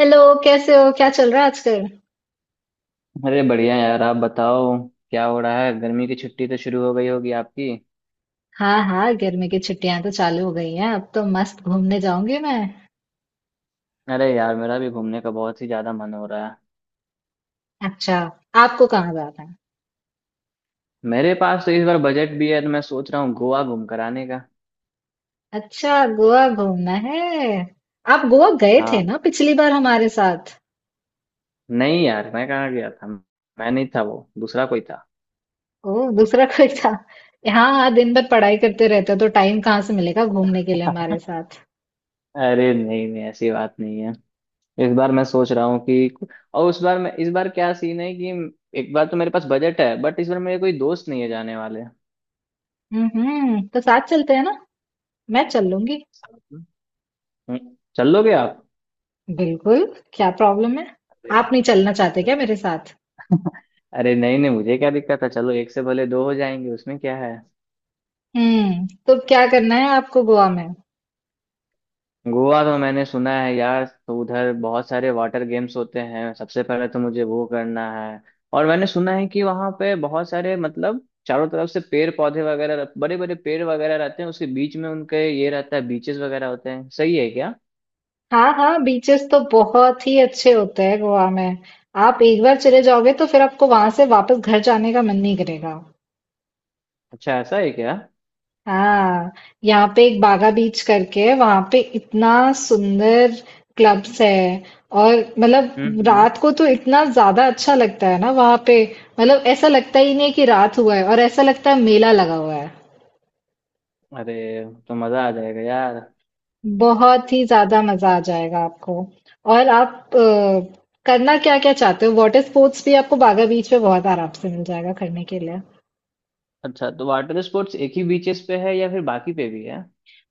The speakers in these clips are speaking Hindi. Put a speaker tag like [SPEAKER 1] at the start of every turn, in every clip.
[SPEAKER 1] हेलो। कैसे हो क्या चल रहा है आजकल।
[SPEAKER 2] अरे बढ़िया यार, आप बताओ। क्या हो रहा है? गर्मी की छुट्टी तो शुरू हो गई होगी आपकी।
[SPEAKER 1] हाँ हाँ गर्मी की छुट्टियां तो चालू हो गई हैं। अब तो मस्त घूमने जाऊंगी मैं।
[SPEAKER 2] अरे यार, मेरा भी घूमने का बहुत ही ज्यादा मन हो रहा है।
[SPEAKER 1] अच्छा। आपको कहाँ जाना है।
[SPEAKER 2] मेरे पास तो इस बार बजट भी है, तो मैं सोच रहा हूँ गोवा घूम कर आने का।
[SPEAKER 1] अच्छा गोवा घूमना है। आप गोवा गए थे
[SPEAKER 2] हाँ।
[SPEAKER 1] ना पिछली बार हमारे साथ।
[SPEAKER 2] नहीं यार, मैं कहाँ गया था? मैं नहीं था, वो दूसरा कोई था।
[SPEAKER 1] ओ दूसरा कोई था। हाँ हाँ दिन भर पढ़ाई करते रहते हो तो टाइम कहाँ से मिलेगा घूमने के लिए हमारे साथ।
[SPEAKER 2] अरे नहीं नहीं, ऐसी बात नहीं है। इस बार मैं सोच रहा हूँ कि और उस बार मैं, इस बार क्या सीन है कि एक बार तो मेरे पास बजट है, बट इस बार मेरे कोई दोस्त नहीं है जाने वाले।
[SPEAKER 1] हम्म, तो साथ चलते हैं ना। मैं चल लूंगी।
[SPEAKER 2] साथ में। चल लोगे आप?
[SPEAKER 1] बिल्कुल। क्या प्रॉब्लम है। आप नहीं चलना चाहते
[SPEAKER 2] अरे,
[SPEAKER 1] क्या मेरे साथ।
[SPEAKER 2] अरे नहीं नहीं, मुझे क्या दिक्कत है? चलो, एक से भले दो हो जाएंगे, उसमें क्या है।
[SPEAKER 1] तो क्या करना है आपको गोवा में।
[SPEAKER 2] गोवा तो मैंने सुना है यार, तो उधर बहुत सारे वाटर गेम्स होते हैं, सबसे पहले तो मुझे वो करना है। और मैंने सुना है कि वहां पे बहुत सारे मतलब चारों तरफ से पेड़ पौधे वगैरह, बड़े बड़े पेड़ वगैरह रहते हैं, उसके बीच में उनके ये रहता है, बीचेस वगैरह होते हैं, सही है क्या?
[SPEAKER 1] हाँ, हाँ, बीचेस तो बहुत ही अच्छे होते हैं गोवा में। आप एक बार चले जाओगे तो फिर आपको वहां से वापस घर जाने का मन नहीं करेगा।
[SPEAKER 2] अच्छा, ऐसा है क्या?
[SPEAKER 1] हाँ, यहाँ पे एक बागा बीच करके है, वहां पे इतना सुंदर क्लब्स है। और मतलब
[SPEAKER 2] हम्म।
[SPEAKER 1] रात को तो इतना ज्यादा अच्छा लगता है ना वहां पे। मतलब ऐसा लगता ही नहीं है कि रात हुआ है और ऐसा लगता है मेला लगा हुआ है।
[SPEAKER 2] अरे, तो मजा आ जाएगा यार।
[SPEAKER 1] बहुत ही ज्यादा मजा आ जाएगा आपको। और आप करना क्या क्या चाहते हो। वाटर स्पोर्ट्स भी आपको बागा बीच पे बहुत आराम से मिल जाएगा करने के लिए।
[SPEAKER 2] अच्छा, तो वाटर स्पोर्ट्स एक ही बीचेस पे है या फिर बाकी पे भी है?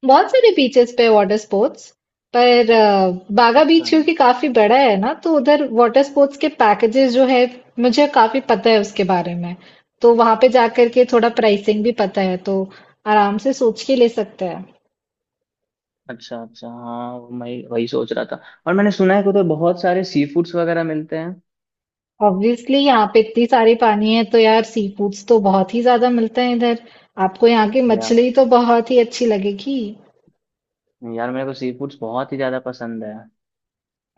[SPEAKER 1] बहुत सारे बीचेस पे वाटर स्पोर्ट्स। पर बागा
[SPEAKER 2] अच्छा
[SPEAKER 1] बीच क्योंकि काफी बड़ा है ना तो उधर वाटर स्पोर्ट्स के पैकेजेस जो है मुझे काफी पता है उसके बारे में। तो वहां पे जाकर के थोड़ा प्राइसिंग भी पता है तो आराम से सोच के ले सकते हैं।
[SPEAKER 2] अच्छा। अच्छा हाँ, मैं वही सोच रहा था। और मैंने सुना है कि उधर बहुत सारे सी फूड्स वगैरह मिलते हैं।
[SPEAKER 1] ऑब्वियसली यहाँ पे इतनी सारी पानी है तो यार सी फूड्स तो बहुत ही ज्यादा मिलते हैं इधर। आपको यहाँ की
[SPEAKER 2] यार,
[SPEAKER 1] मछली तो बहुत ही अच्छी लगेगी।
[SPEAKER 2] यार मेरे को सी फूड्स बहुत ही ज्यादा पसंद है।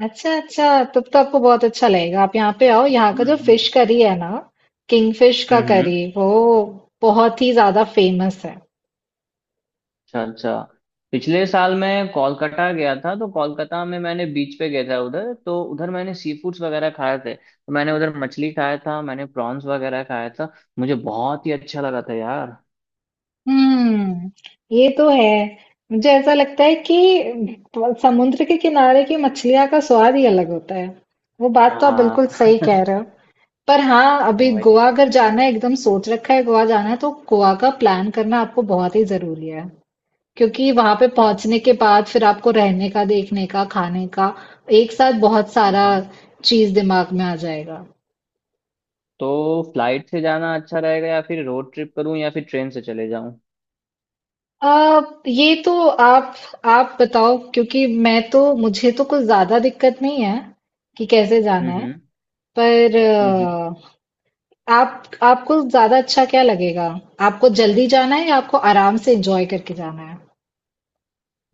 [SPEAKER 1] अच्छा अच्छा, तब तो आपको बहुत अच्छा लगेगा। आप यहाँ पे आओ। यहाँ
[SPEAKER 2] हम्म
[SPEAKER 1] का जो
[SPEAKER 2] हम्म।
[SPEAKER 1] फिश करी है ना किंगफिश का
[SPEAKER 2] हम्म।
[SPEAKER 1] करी वो बहुत ही ज्यादा फेमस है।
[SPEAKER 2] अच्छा अच्छा। पिछले साल मैं कोलकाता गया था, तो कोलकाता में मैंने बीच पे गया था उधर, तो उधर मैंने सी फूड्स वगैरह खाए थे, तो मैंने उधर मछली खाया था, मैंने प्रॉन्स वगैरह खाया था। मुझे बहुत ही अच्छा लगा था यार।
[SPEAKER 1] हम्म ये तो है। मुझे ऐसा लगता है कि समुद्र के किनारे की मछलियाँ का स्वाद ही अलग होता है। वो बात तो आप बिल्कुल
[SPEAKER 2] हाँ
[SPEAKER 1] सही कह रहे हो। पर हाँ, अभी
[SPEAKER 2] वही।
[SPEAKER 1] गोवा अगर जाना है, एकदम सोच रखा है गोवा जाना है, तो गोवा का प्लान करना आपको बहुत ही जरूरी है। क्योंकि वहां पे
[SPEAKER 2] हाँ।
[SPEAKER 1] पहुंचने के बाद फिर आपको रहने का, देखने का, खाने का एक साथ बहुत सारा चीज दिमाग में आ जाएगा।
[SPEAKER 2] तो फ्लाइट से जाना अच्छा रहेगा या फिर रोड ट्रिप करूं या फिर ट्रेन से चले जाऊं?
[SPEAKER 1] आ, ये तो आप बताओ क्योंकि मैं तो मुझे तो कुछ ज्यादा दिक्कत नहीं है कि कैसे जाना है।
[SPEAKER 2] हम्म।
[SPEAKER 1] पर
[SPEAKER 2] हम्म हम्म।
[SPEAKER 1] आप आपको ज्यादा अच्छा क्या लगेगा? आपको जल्दी जाना है या आपको आराम से एंजॉय करके जाना है?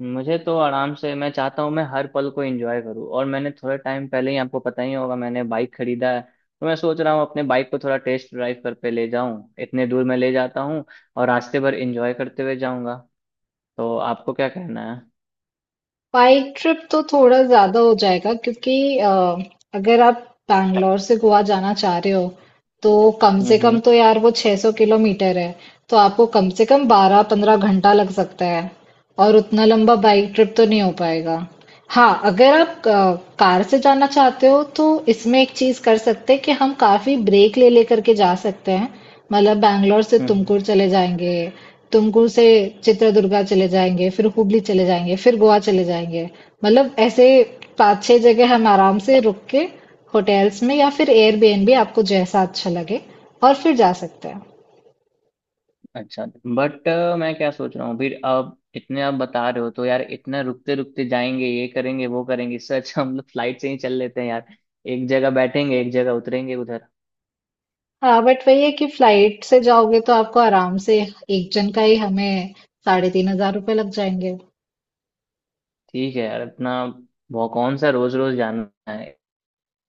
[SPEAKER 2] मुझे तो आराम से, मैं चाहता हूं मैं हर पल को एंजॉय करूं, और मैंने थोड़े टाइम पहले ही, आपको पता ही होगा, मैंने बाइक खरीदा है। तो मैं सोच रहा हूं अपने बाइक को थोड़ा टेस्ट ड्राइव कर पे ले जाऊं, इतने दूर मैं ले जाता हूं और रास्ते भर एंजॉय करते हुए जाऊंगा। तो आपको क्या कहना है?
[SPEAKER 1] बाइक ट्रिप तो थोड़ा ज़्यादा हो जाएगा क्योंकि अगर आप बैंगलोर से गोवा जाना चाह रहे हो तो कम से कम
[SPEAKER 2] हम्म।
[SPEAKER 1] तो यार वो 600 किलोमीटर है। तो आपको कम से कम 12-15 घंटा लग सकता है और उतना लंबा बाइक ट्रिप तो नहीं हो पाएगा। हाँ, अगर आप क कार से जाना चाहते हो तो इसमें एक चीज़ कर सकते हैं कि हम काफ़ी ब्रेक ले लेकर के जा सकते हैं। मतलब बैंगलोर से
[SPEAKER 2] हम्म।
[SPEAKER 1] तुमकुर चले जाएँगे, तुमकुर से चित्रदुर्गा चले जाएँगे, फिर हुबली चले जाएँगे, फिर गोवा चले जाएँगे। मतलब ऐसे 5-6 जगह हम आराम से रुक के होटल्स में या फिर एयरबीएनबी आपको जैसा अच्छा लगे और फिर जा सकते हैं।
[SPEAKER 2] अच्छा। बट मैं क्या सोच रहा हूँ, फिर अब इतने आप बता रहे हो तो यार, इतना रुकते रुकते जाएंगे, ये करेंगे वो करेंगे, इससे अच्छा हम लोग फ्लाइट से ही चल लेते हैं यार। एक जगह बैठेंगे, एक जगह उतरेंगे उधर।
[SPEAKER 1] हाँ, बट वही है कि फ्लाइट से जाओगे तो आपको आराम से एक जन का ही हमें साढ़े 3,000 रुपए लग जाएँगे।
[SPEAKER 2] ठीक है यार, इतना वो कौन सा रोज रोज जाना है?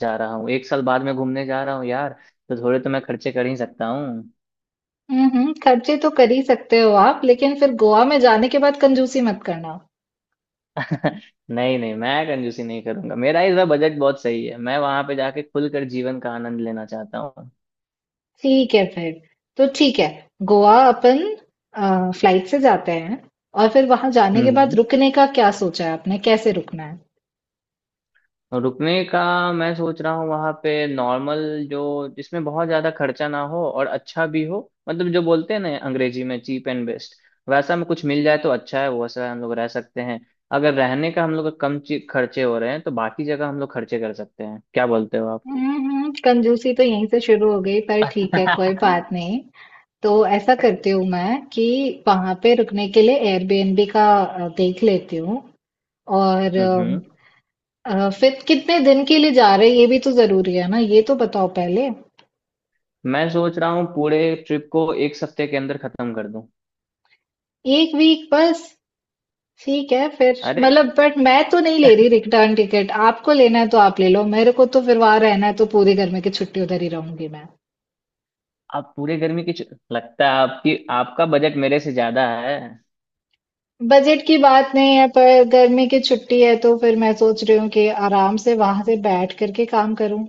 [SPEAKER 2] जा रहा हूँ, एक साल बाद में घूमने जा रहा हूँ यार, तो थोड़े तो मैं खर्चे कर ही सकता हूँ।
[SPEAKER 1] खर्चे तो कर ही सकते हो आप, लेकिन फिर गोवा में जाने के बाद कंजूसी मत करना।
[SPEAKER 2] नहीं नहीं, मैं कंजूसी नहीं करूंगा, मेरा इस बार बजट बहुत सही है, मैं वहां पे जाके खुलकर जीवन का आनंद लेना चाहता हूँ।
[SPEAKER 1] ठीक है फिर। तो ठीक है। गोवा अपन फ्लाइट से जाते हैं। और फिर वहां जाने
[SPEAKER 2] हम्म
[SPEAKER 1] के बाद
[SPEAKER 2] हम्म।
[SPEAKER 1] रुकने का क्या सोचा है आपने, कैसे रुकना है।
[SPEAKER 2] और रुकने का, मैं सोच रहा हूँ वहां पे नॉर्मल, जो जिसमें बहुत ज्यादा खर्चा ना हो और अच्छा भी हो, मतलब जो बोलते हैं ना अंग्रेजी में, चीप एंड बेस्ट, वैसा में कुछ मिल जाए तो अच्छा है, वैसा हम लोग रह सकते हैं। अगर रहने का हम लोग का कम खर्चे हो रहे हैं, तो बाकी जगह हम लोग खर्चे कर सकते हैं, क्या बोलते हो आप?
[SPEAKER 1] कंजूसी तो यहीं से शुरू हो गई, पर ठीक है कोई बात नहीं। तो ऐसा करती हूँ मैं कि वहां पे रुकने के लिए एयरबीएनबी का देख लेती हूँ। और
[SPEAKER 2] हम्म।
[SPEAKER 1] फिर कितने दिन के लिए जा रहे हैं ये भी तो जरूरी है ना। ये तो बताओ पहले।
[SPEAKER 2] मैं सोच रहा हूँ पूरे ट्रिप को एक सप्ते के अंदर खत्म कर दूं।
[SPEAKER 1] 1 वीक बस? ठीक है फिर,
[SPEAKER 2] अरे,
[SPEAKER 1] मतलब बट मैं तो नहीं ले रही रिटर्न टिकट। आपको लेना है तो आप ले लो। मेरे को तो फिर वहां रहना है तो पूरी गर्मी की छुट्टी उधर ही रहूंगी मैं।
[SPEAKER 2] आप पूरे गर्मी की लगता है आपकी आपका बजट मेरे से ज्यादा है।
[SPEAKER 1] बजट की बात नहीं है, पर गर्मी की छुट्टी है तो फिर मैं सोच रही हूँ कि आराम से वहां से बैठ करके काम करूँ।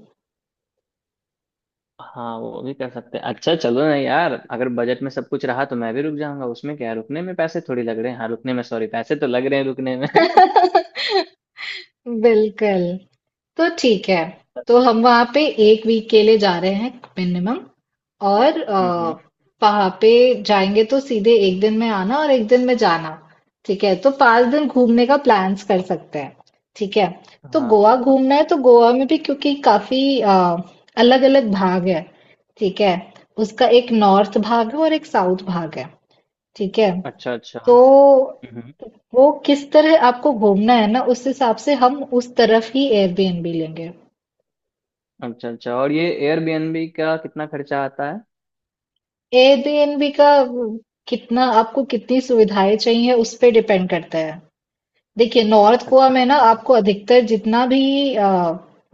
[SPEAKER 2] हाँ वो भी कर सकते हैं, अच्छा चलो ना यार, अगर बजट में सब कुछ रहा तो मैं भी रुक जाऊंगा, उसमें क्या है, रुकने में पैसे थोड़ी लग रहे हैं, हाँ रुकने में सॉरी पैसे तो लग रहे हैं रुकने में
[SPEAKER 1] बिल्कुल। तो ठीक है। तो हम वहाँ पे 1 वीक के लिए जा रहे हैं मिनिमम। और
[SPEAKER 2] हम्म हम्म,
[SPEAKER 1] वहाँ पे जाएंगे तो सीधे एक दिन में आना और एक दिन में जाना। ठीक है। तो 5 दिन घूमने का प्लान्स कर सकते हैं। ठीक है। तो
[SPEAKER 2] हाँ
[SPEAKER 1] गोवा
[SPEAKER 2] हाँ।
[SPEAKER 1] घूमना है तो गोवा में भी क्योंकि काफी अलग-अलग भाग है। ठीक है। उसका एक नॉर्थ भाग है और एक साउथ भाग है। ठीक है।
[SPEAKER 2] अच्छा अच्छा।
[SPEAKER 1] तो
[SPEAKER 2] हम्म हम्म।
[SPEAKER 1] वो किस तरह आपको घूमना है ना, उस हिसाब से हम उस तरफ ही एयरबीएनबी लेंगे।
[SPEAKER 2] अच्छा अच्छा, और ये एयरबीएनबी का कितना खर्चा आता है?
[SPEAKER 1] एयरबीएनबी का कितना, आपको कितनी सुविधाएं चाहिए उस पे डिपेंड करता है। देखिए नॉर्थ गोवा
[SPEAKER 2] अच्छा
[SPEAKER 1] में ना
[SPEAKER 2] अच्छा।
[SPEAKER 1] आपको अधिकतर जितना भी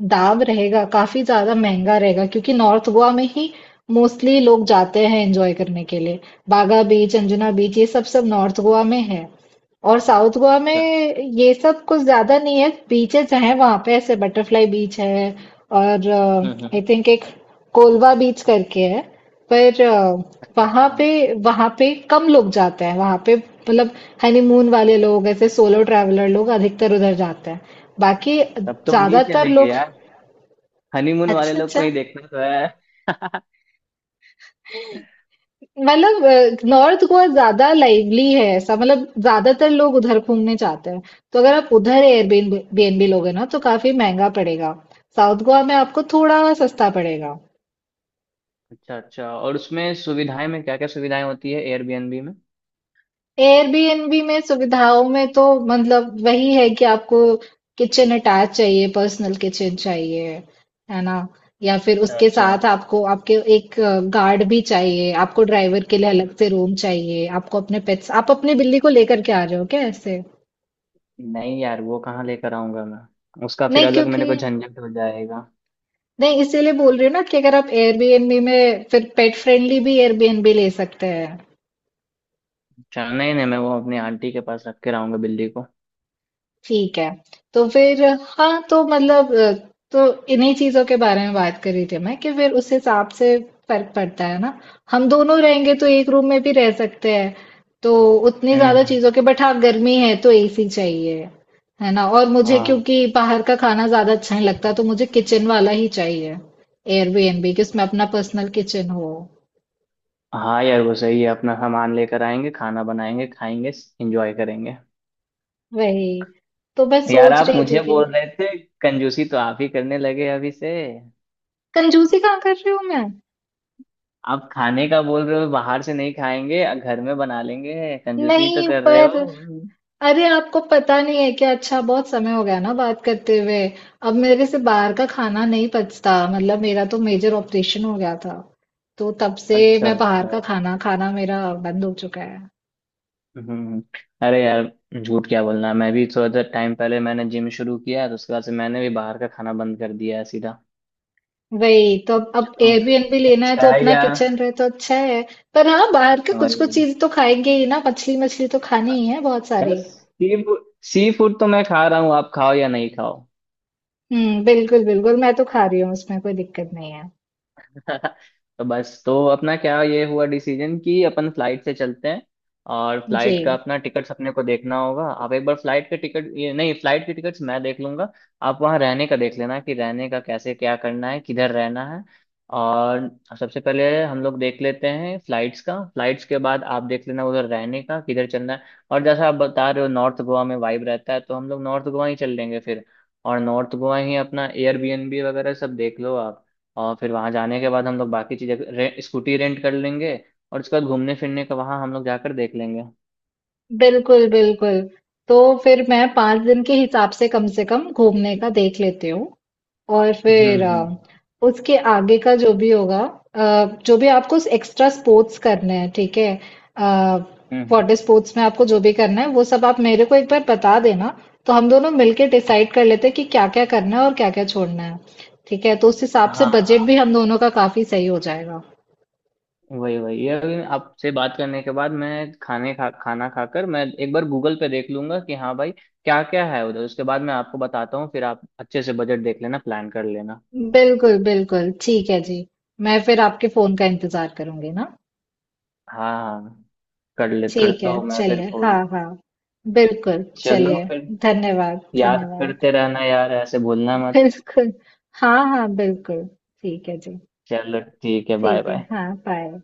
[SPEAKER 1] दाब रहेगा काफी ज्यादा महंगा रहेगा, क्योंकि नॉर्थ गोवा में ही मोस्टली लोग जाते हैं एंजॉय करने के लिए। बागा बीच, अंजुना बीच, ये सब सब नॉर्थ गोवा में है। और साउथ गोवा में
[SPEAKER 2] अच्छा।
[SPEAKER 1] ये सब कुछ ज्यादा नहीं है। बीचेस हैं वहां पे, ऐसे बटरफ्लाई बीच है। और
[SPEAKER 2] हम्म।
[SPEAKER 1] आई थिंक एक कोलवा बीच करके है। पर
[SPEAKER 2] अच्छा
[SPEAKER 1] वहां
[SPEAKER 2] अच्छा,
[SPEAKER 1] पे वहां पे कम लोग जाते हैं वहां पे। मतलब हनीमून वाले लोग, ऐसे सोलो ट्रैवलर लोग अधिकतर उधर जाते हैं। बाकी
[SPEAKER 2] तब तो वही
[SPEAKER 1] ज्यादातर
[SPEAKER 2] चलेंगे
[SPEAKER 1] लोग।
[SPEAKER 2] यार, हनीमून वाले
[SPEAKER 1] अच्छा
[SPEAKER 2] लोग को
[SPEAKER 1] अच्छा।
[SPEAKER 2] ही देखना तो है।
[SPEAKER 1] मतलब नॉर्थ गोवा ज्यादा लाइवली है ऐसा, मतलब ज्यादातर लोग उधर घूमने जाते हैं। तो अगर आप उधर एयरबीएनबी लोगे ना तो काफी महंगा पड़ेगा। साउथ गोवा में आपको थोड़ा सस्ता पड़ेगा।
[SPEAKER 2] अच्छा अच्छा, और उसमें सुविधाएं में क्या क्या सुविधाएं होती है एयरबीएनबी में?
[SPEAKER 1] एयरबीएनबी में सुविधाओं में तो मतलब वही है कि आपको किचन अटैच चाहिए, पर्सनल किचन चाहिए, है ना? या फिर
[SPEAKER 2] अच्छा
[SPEAKER 1] उसके
[SPEAKER 2] अच्छा।
[SPEAKER 1] साथ आपको आपके एक गार्ड भी चाहिए, आपको ड्राइवर के लिए अलग से रूम चाहिए, आपको अपने पेट्स, आप अपनी बिल्ली को लेकर के आ रहे हो क्या ऐसे?
[SPEAKER 2] नहीं यार, वो कहाँ लेकर आऊंगा मैं? उसका फिर
[SPEAKER 1] नहीं
[SPEAKER 2] अलग
[SPEAKER 1] क्योंकि
[SPEAKER 2] मेरे को झंझट हो जाएगा।
[SPEAKER 1] नहीं, इसीलिए बोल रही हूँ ना कि अगर आप एयरबीएनबी में फिर पेट फ्रेंडली भी एयरबीएनबी ले सकते हैं।
[SPEAKER 2] चल नहीं नहीं, मैं वो अपनी आंटी के पास रख के आऊंगा बिल्ली को।
[SPEAKER 1] ठीक है। तो फिर हाँ, तो मतलब तो इन्हीं चीज़ों के बारे में बात कर रही थी मैं कि फिर उस हिसाब से फर्क पड़ता है ना। हम दोनों रहेंगे तो एक रूम में भी रह सकते हैं। तो उतनी
[SPEAKER 2] हम्म
[SPEAKER 1] ज़्यादा
[SPEAKER 2] हम्म,
[SPEAKER 1] चीज़ों के, बट हाँ गर्मी है तो एसी चाहिए। है ना? और मुझे
[SPEAKER 2] हाँ
[SPEAKER 1] क्योंकि बाहर का खाना ज़्यादा अच्छा नहीं लगता तो मुझे किचन वाला ही चाहिए। एयरबीएनबी कि उसमें अपना पर्सनल किचन हो।
[SPEAKER 2] हाँ। यार वो सही है, अपना सामान लेकर आएंगे, खाना बनाएंगे, खाएंगे, एंजॉय करेंगे।
[SPEAKER 1] वही। तो मैं
[SPEAKER 2] यार
[SPEAKER 1] सोच
[SPEAKER 2] आप
[SPEAKER 1] रही थी
[SPEAKER 2] मुझे
[SPEAKER 1] कि।
[SPEAKER 2] बोल रहे थे, कंजूसी तो आप ही करने लगे अभी से।
[SPEAKER 1] कंजूसी कहाँ कर रही हूँ मैं?
[SPEAKER 2] आप खाने का बोल रहे हो बाहर से नहीं खाएंगे, घर में बना लेंगे, कंजूसी तो
[SPEAKER 1] नहीं
[SPEAKER 2] कर रहे
[SPEAKER 1] पर,
[SPEAKER 2] हो।
[SPEAKER 1] अरे आपको पता नहीं है क्या, अच्छा बहुत समय हो गया ना बात करते हुए। अब मेरे से बाहर का खाना नहीं पचता, मतलब मेरा तो मेजर ऑपरेशन हो गया था। तो तब से
[SPEAKER 2] अच्छा
[SPEAKER 1] मैं बाहर
[SPEAKER 2] अच्छा।
[SPEAKER 1] का खाना खाना मेरा बंद हो चुका है।
[SPEAKER 2] हम्म। अरे यार, झूठ क्या बोलना, मैं भी थोड़ा सा टाइम पहले मैंने जिम शुरू किया, तो उसके बाद से मैंने भी बाहर का खाना बंद कर दिया है सीधा।
[SPEAKER 1] वही, तो अब
[SPEAKER 2] मुझे
[SPEAKER 1] अब
[SPEAKER 2] तो
[SPEAKER 1] एयरबीएनबी लेना है
[SPEAKER 2] अच्छा
[SPEAKER 1] तो
[SPEAKER 2] है
[SPEAKER 1] अपना
[SPEAKER 2] यार।
[SPEAKER 1] किचन रहे तो अच्छा है। पर हाँ, बाहर का कुछ
[SPEAKER 2] वही।
[SPEAKER 1] कुछ चीज तो खाएंगे ही ना, मछली मछली तो खानी ही है बहुत
[SPEAKER 2] यार
[SPEAKER 1] सारी।
[SPEAKER 2] सी फूड तो मैं खा रहा हूँ, आप खाओ या नहीं खाओ।
[SPEAKER 1] हम्म, बिल्कुल बिल्कुल, मैं तो खा रही हूँ उसमें कोई दिक्कत नहीं है।
[SPEAKER 2] तो बस, तो अपना क्या ये हुआ डिसीजन कि अपन फ्लाइट से चलते हैं, और
[SPEAKER 1] जी।
[SPEAKER 2] फ्लाइट का अपना टिकट्स अपने को देखना होगा। आप एक बार फ्लाइट के टिकट, ये नहीं, फ्लाइट के टिकट्स मैं देख लूंगा। आप वहाँ रहने का देख लेना, कि रहने का कैसे, क्या करना है, किधर रहना है। और सबसे पहले हम लोग देख लेते हैं फ्लाइट्स का, फ्लाइट्स के बाद आप देख लेना उधर रहने का किधर चलना है। और जैसा आप बता रहे हो, नॉर्थ गोवा में वाइब रहता है, तो हम लोग नॉर्थ गोवा ही चल लेंगे फिर। और नॉर्थ गोवा ही अपना एयरबीएनबी वगैरह सब देख लो आप। और फिर वहां जाने के बाद हम लोग बाकी चीजें स्कूटी रेंट कर लेंगे और उसके बाद घूमने फिरने का वहां हम लोग जाकर देख लेंगे।
[SPEAKER 1] बिल्कुल, बिल्कुल। तो फिर मैं 5 दिन के हिसाब से कम घूमने का देख लेती हूँ। और फिर
[SPEAKER 2] हम्म,
[SPEAKER 1] उसके आगे का जो भी होगा, जो भी आपको एक्स्ट्रा स्पोर्ट्स करने हैं, ठीक है? अ,
[SPEAKER 2] हम्म हम्म।
[SPEAKER 1] वाटर स्पोर्ट्स में आपको जो भी करना है वो सब आप मेरे को एक बार बता देना। तो हम दोनों मिलके डिसाइड कर लेते हैं कि क्या-क्या करना है और क्या-क्या छोड़ना है। ठीक है? तो उस हिसाब से
[SPEAKER 2] हाँ
[SPEAKER 1] बजट भी
[SPEAKER 2] हाँ।
[SPEAKER 1] हम दोनों का काफी सही हो जाएगा।
[SPEAKER 2] वही वही, ये अभी आपसे बात करने के बाद मैं खाने खा खाना खाकर, मैं एक बार गूगल पे देख लूंगा कि हाँ भाई क्या क्या है उधर, उसके बाद मैं आपको बताता हूँ, फिर आप अच्छे से बजट देख लेना, प्लान कर लेना।
[SPEAKER 1] बिल्कुल, बिल्कुल। ठीक है जी। मैं फिर आपके फ़ोन का इंतज़ार करूँगी ना।
[SPEAKER 2] हाँ हाँ। कर ले
[SPEAKER 1] ठीक
[SPEAKER 2] करता
[SPEAKER 1] है
[SPEAKER 2] हूँ मैं फिर
[SPEAKER 1] चलिए, हाँ
[SPEAKER 2] फोन।
[SPEAKER 1] हाँ, बिल्कुल
[SPEAKER 2] चलो
[SPEAKER 1] चलिए।
[SPEAKER 2] फिर।
[SPEAKER 1] धन्यवाद,
[SPEAKER 2] याद
[SPEAKER 1] धन्यवाद।
[SPEAKER 2] करते रहना यार, ऐसे भूलना मत।
[SPEAKER 1] बिल्कुल। हाँ हाँ बिल्कुल, ठीक है जी।
[SPEAKER 2] चलो ठीक है, बाय
[SPEAKER 1] ठीक है,
[SPEAKER 2] बाय।
[SPEAKER 1] हाँ बाय।